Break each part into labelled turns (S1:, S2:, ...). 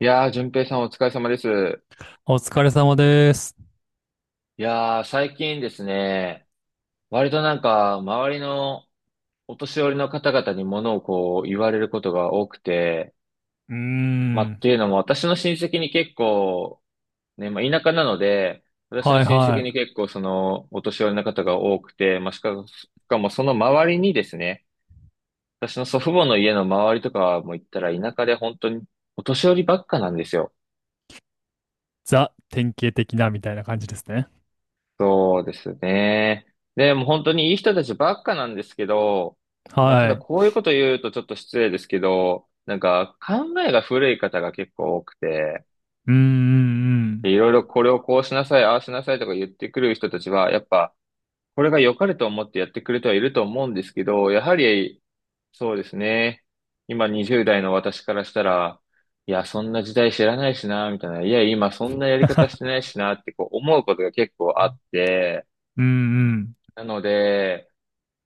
S1: いやー、淳平さんお疲れ様です。
S2: お疲れ様です。
S1: いやー、最近ですね、割となんか、周りのお年寄りの方々に物をこう、言われることが多くて、
S2: うー
S1: まあ、って
S2: ん。
S1: いうのも、私の親戚に結構、ね、まあ、田舎なので、私の
S2: はい
S1: 親戚
S2: は
S1: に
S2: い。
S1: 結構、その、お年寄りの方が多くて、まあ、しかも、その周りにですね、私の祖父母の家の周りとかはもう行ったら田舎で本当にお年寄りばっかなんですよ。
S2: ザ、典型的なみたいな感じですね。
S1: そうですね。でもう本当にいい人たちばっかなんですけど、まあた
S2: は
S1: だ
S2: い。
S1: こういうこと言うとちょっと失礼ですけど、なんか考えが古い方が結構多くて、
S2: うーんうんうん。
S1: いろいろこれをこうしなさい、ああしなさいとか言ってくる人たちは、やっぱこれが良かれと思ってやってくれてはいると思うんですけど、やはりそうですね。今20代の私からしたら、いや、そんな時代知らないしな、みたいな。いや、今そんなやり方してな いしなってこう思うことが結構あって、
S2: うんうん。
S1: なので、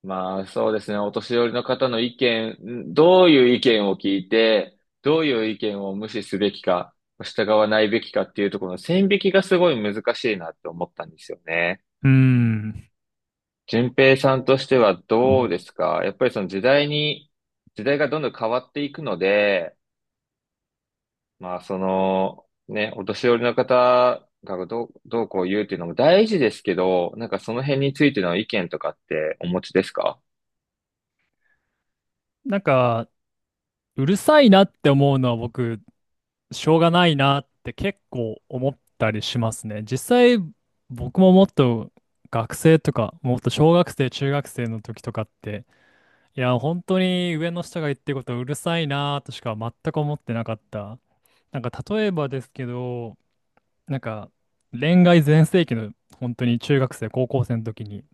S1: まあそうですね、お年寄りの方の意見、どういう意見を聞いて、どういう意見を無視すべきか、従わないべきかっていうところの線引きがすごい難しいなって思ったんですよね。
S2: うん。
S1: 順平さんとしてはどうですか？やっぱりその時代に、時代がどんどん変わっていくので、まあその、ね、お年寄りの方がどうこう言うっていうのも大事ですけど、なんかその辺についての意見とかってお持ちですか？
S2: なんか、うるさいなって思うのは僕、しょうがないなって結構思ったりしますね。実際、僕ももっと学生とか、もっと小学生、中学生の時とかって、いや、本当に上の人が言ってることうるさいなとしか全く思ってなかった。なんか例えばですけど、なんか恋愛全盛期の本当に中学生、高校生の時に、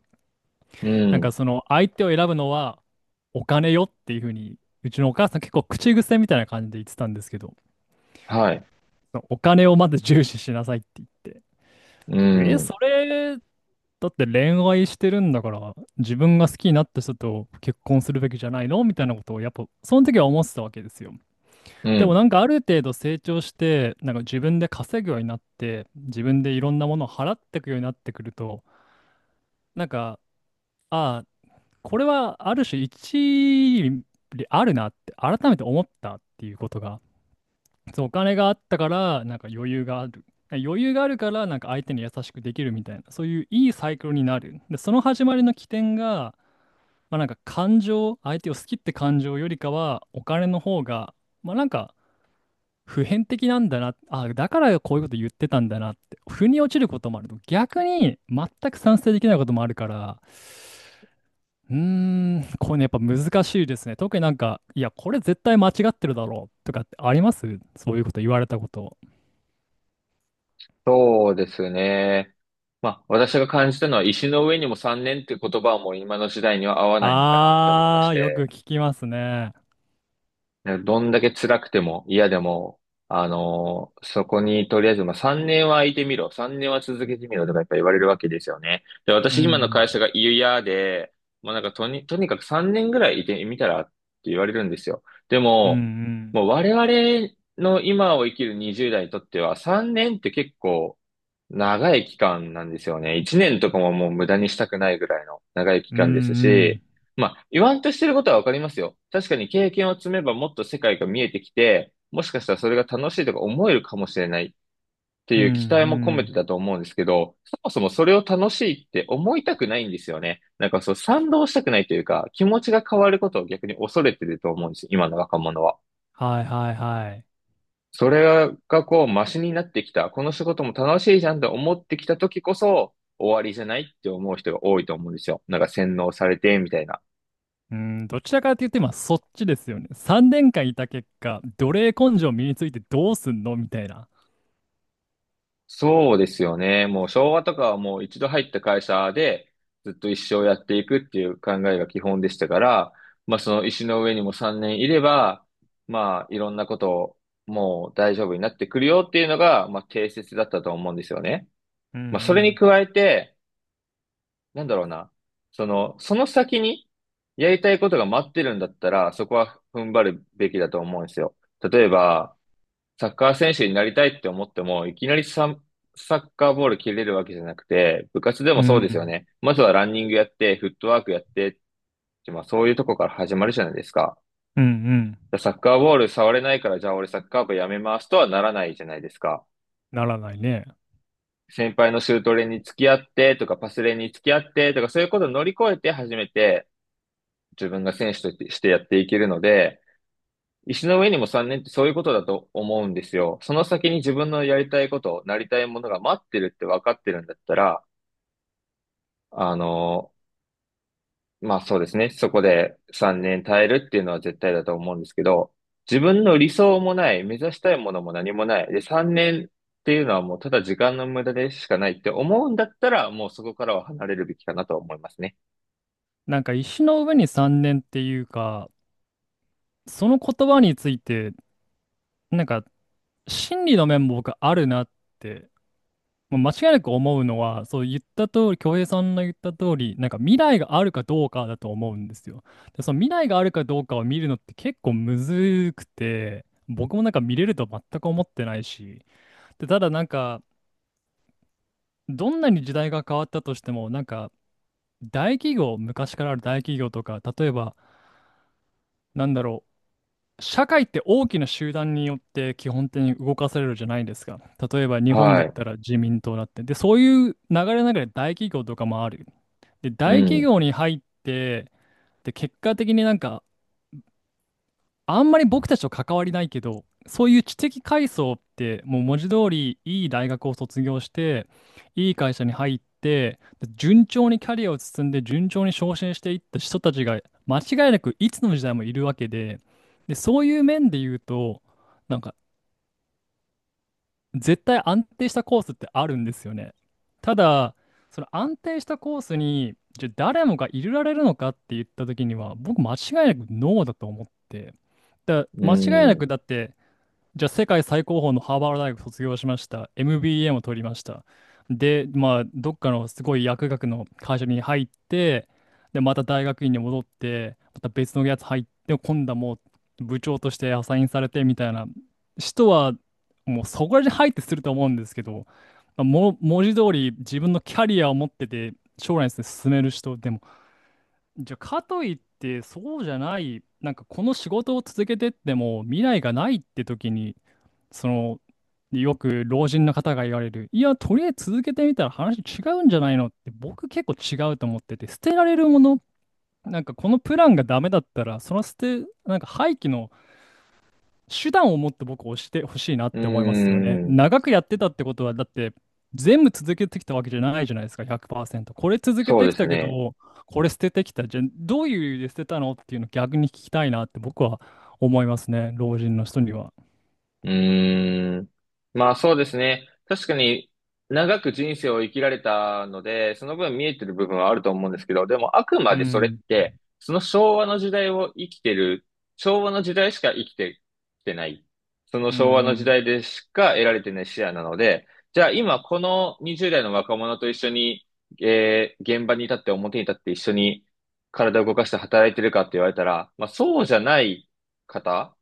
S1: うん。
S2: その相手を選ぶのはお金よっていうふうに、うちのお母さん結構口癖みたいな感じで言ってたんですけど、
S1: はい。
S2: そのお金をまず重視しなさいって言って。
S1: う
S2: でえ、そ
S1: ん。
S2: れ、だって恋愛してるんだから、自分が好きになった人と結婚するべきじゃないのみたいなことをやっぱその時は思ってたわけですよ。
S1: う
S2: でも
S1: ん。
S2: なんかある程度成長して、なんか自分で稼ぐようになって、自分でいろんなものを払っていくようになってくると、なんか、ああ、これはある種一理あるなって改めて思ったっていうことが、そう、お金があったから、なんか余裕がある。余裕があるから、なんか相手に優しくできるみたいな、そういういいサイクルになる。で、その始まりの起点が、まあなんか感情、相手を好きって感情よりかは、お金の方が、まあなんか、普遍的なんだな、あ、だからこういうこと言ってたんだなって、腑に落ちることもあると、逆に全く賛成できないこともあるから、うーん、これね、やっぱ難しいですね。特になんか、いや、これ絶対間違ってるだろうとかってありますそういうこと言われたこと。
S1: そうですね。まあ、私が感じたのは、石の上にも3年っていう言葉はもう今の時代には合わないのかなって思いまし
S2: あー、よく
S1: て、
S2: 聞きますね。
S1: どんだけ辛くても嫌でも、そこにとりあえず、まあ、3年は空いてみろ、3年は続けてみろとかやっぱ言われるわけですよね。で、
S2: う
S1: 私今の
S2: ん。
S1: 会社が嫌で、もうなんかとにかく3年ぐらいいてみたらって言われるんですよ。で
S2: うんう
S1: も、
S2: ん。
S1: もう我々の今を生きる20代にとっては3年って結構、長い期間なんですよね。一年とかももう無駄にしたくないぐらいの長い期
S2: うんう
S1: 間ですし、
S2: ん。
S1: まあ、言わんとしてることはわかりますよ。確かに経験を積めばもっと世界が見えてきて、もしかしたらそれが楽しいとか思えるかもしれないって
S2: うん
S1: い
S2: う
S1: う期待も込めて
S2: ん。
S1: だと思うんですけど、そもそもそれを楽しいって思いたくないんですよね。なんかそう賛同したくないというか、気持ちが変わることを逆に恐れてると思うんですよ、今の若者は。
S2: はいはいはい。
S1: それがこう、マシになってきた。この仕事も楽しいじゃんって思ってきた時こそ、終わりじゃないって思う人が多いと思うんですよ。なんか洗脳されて、みたいな。
S2: うん、どちらかというと今そっちですよね。3年間いた結果、奴隷根性身についてどうすんのみたいな。
S1: そうですよね。もう昭和とかはもう一度入った会社で、ずっと一生やっていくっていう考えが基本でしたから、まあその石の上にも3年いれば、まあいろんなことをもう大丈夫になってくるよっていうのが、まあ定説だったと思うんですよね。
S2: う
S1: まあそれに
S2: ん
S1: 加えて、なんだろうな。その先にやりたいことが待ってるんだったら、そこは踏ん張るべきだと思うんですよ。例えば、サッカー選手になりたいって思っても、いきなりサッカーボール蹴れるわけじゃなくて、部活で
S2: う
S1: も
S2: ん。う
S1: そう
S2: ん
S1: で
S2: う
S1: すよ
S2: ん。
S1: ね。まずはランニングやって、フットワークやって、まあそういうとこから始まるじゃないですか。
S2: うんうん。
S1: サッカーボール触れないから、じゃあ俺サッカー部やめますとはならないじゃないですか。
S2: ならないね。
S1: 先輩のシュート練に付き合ってとか、パス練に付き合ってとか、そういうことを乗り越えて初めて、自分が選手としてやっていけるので、石の上にも3年ってそういうことだと思うんですよ。その先に自分のやりたいこと、なりたいものが待ってるって分かってるんだったら、あの、まあそうですね。そこで3年耐えるっていうのは絶対だと思うんですけど、自分の理想もない、目指したいものも何もない。で、3年っていうのはもうただ時間の無駄でしかないって思うんだったら、もうそこからは離れるべきかなと思いますね。
S2: なんか石の上に3年っていうか、その言葉について、なんか、真理の面も僕あるなって、もう間違いなく思うのは、そう言った通り、恭平さんの言った通り、なんか未来があるかどうかだと思うんですよ。で、その未来があるかどうかを見るのって結構むずくて、僕もなんか見れると全く思ってないし、で、ただなんか、どんなに時代が変わったとしても、なんか、大企業、昔からある大企業とか、例えば、なんだろう、社会って大きな集団によって基本的に動かされるじゃないですか。例えば日本だ
S1: は
S2: っ
S1: い。
S2: たら自民党だって。で、そういう流れの中で大企業とかもある。で、
S1: う
S2: 大企
S1: ん。
S2: 業に入って、で、結果的になんかあんまり僕たちと関わりないけど、そういう知的階層って、もう文字通りいい大学を卒業して、いい会社に入って、で順調にキャリアを進んで、順調に昇進していった人たちが、間違いなくいつの時代もいるわけで、で、そういう面で言うと、なんか絶対安定したコースってあるんですよね。ただ、その安定したコースに、じゃあ誰もが入れられるのかって言った時には、僕間違いなくノーだと思って。だ
S1: う
S2: 間違いな
S1: ん。
S2: くだって、じゃあ、世界最高峰のハーバード大学卒業しました。MBA も取りました。で、まあ、どっかのすごい薬学の会社に入って、で、また大学院に戻って、また別のやつ入って、今度はもう部長としてアサインされてみたいな人は、もうそこら辺入ってすると思うんですけど、まあ、も、文字通り自分のキャリアを持ってて、将来に進める人、でも、じゃあ、かといって、そうじゃない、なんかこの仕事を続けてっても未来がないって時に、その、よく老人の方が言われる、いや、とりあえず続けてみたら話違うんじゃないのって、僕結構違うと思ってて、捨てられるもの、なんかこのプランがダメだったら、その捨て、なんか廃棄の手段をもっと僕押してほしいなっ
S1: う
S2: て思いますよね。
S1: ん。
S2: 長くやってたってことは、だって、全部続けてきたわけじゃないじゃないですか、100%。これ続け
S1: そう
S2: て
S1: で
S2: き
S1: す
S2: たけ
S1: ね。
S2: ど、これ捨ててきた。じゃあ、どういう理由で捨てたのっていうの逆に聞きたいなって僕は思いますね、老人の人には。
S1: うーん。まあそうですね。確かに長く人生を生きられたので、その分見えてる部分はあると思うんですけど、でもあく
S2: う
S1: までそれっ
S2: ん。
S1: て、その昭和の時代を生きてる、昭和の時代しか生きてきてない。その
S2: うんう
S1: 昭和の時
S2: ん
S1: 代でしか得られてない視野なので、じゃあ今この20代の若者と一緒に、現場に立って表に立って一緒に体を動かして働いてるかって言われたら、まあそうじゃない方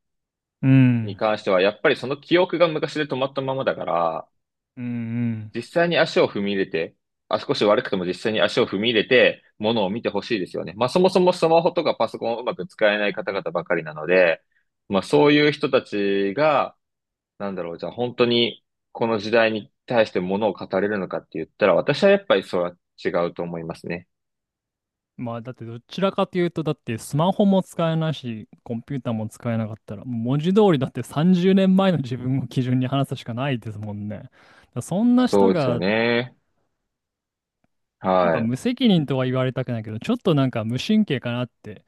S2: う
S1: に
S2: ん。
S1: 関しては、やっぱりその記憶が昔で止まったままだから、
S2: うんうん。
S1: 実際に足を踏み入れて、あ、少し悪くても実際に足を踏み入れて、ものを見てほしいですよね。まあそもそもスマホとかパソコンをうまく使えない方々ばかりなので、まあそういう人たちが、なんだろう、じゃあ本当にこの時代に対してものを語れるのかって言ったら、私はやっぱりそれは違うと思いますね。
S2: まあ、だってどちらかというと、だってスマホも使えないし、コンピューターも使えなかったら、文字通りだって30年前の自分を基準に話すしかないですもんね。だからそんな
S1: そ
S2: 人
S1: うですよ
S2: が、
S1: ね。
S2: なん
S1: は
S2: か
S1: い。
S2: 無責任とは言われたくないけど、ちょっとなんか無神経かなって、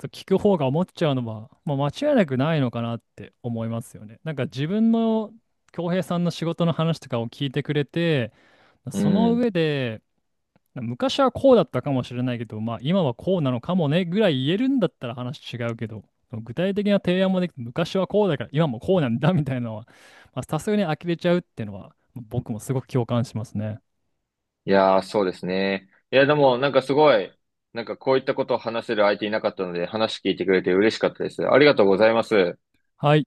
S2: そう聞く方が思っちゃうのは、まあ、間違いなくないのかなって思いますよね。なんか自分の、恭平さんの仕事の話とかを聞いてくれて、
S1: う
S2: その
S1: ん。
S2: 上で、昔はこうだったかもしれないけど、まあ今はこうなのかもねぐらい言えるんだったら話違うけど、その具体的な提案もできて、昔はこうだから今もこうなんだみたいなのは、まあさすがに呆れちゃうっていうのは、僕もすごく共感しますね。
S1: いやー、そうですね。いや、でも、なんかすごい、なんかこういったことを話せる相手いなかったので、話聞いてくれて嬉しかったです。ありがとうございます。
S2: はい。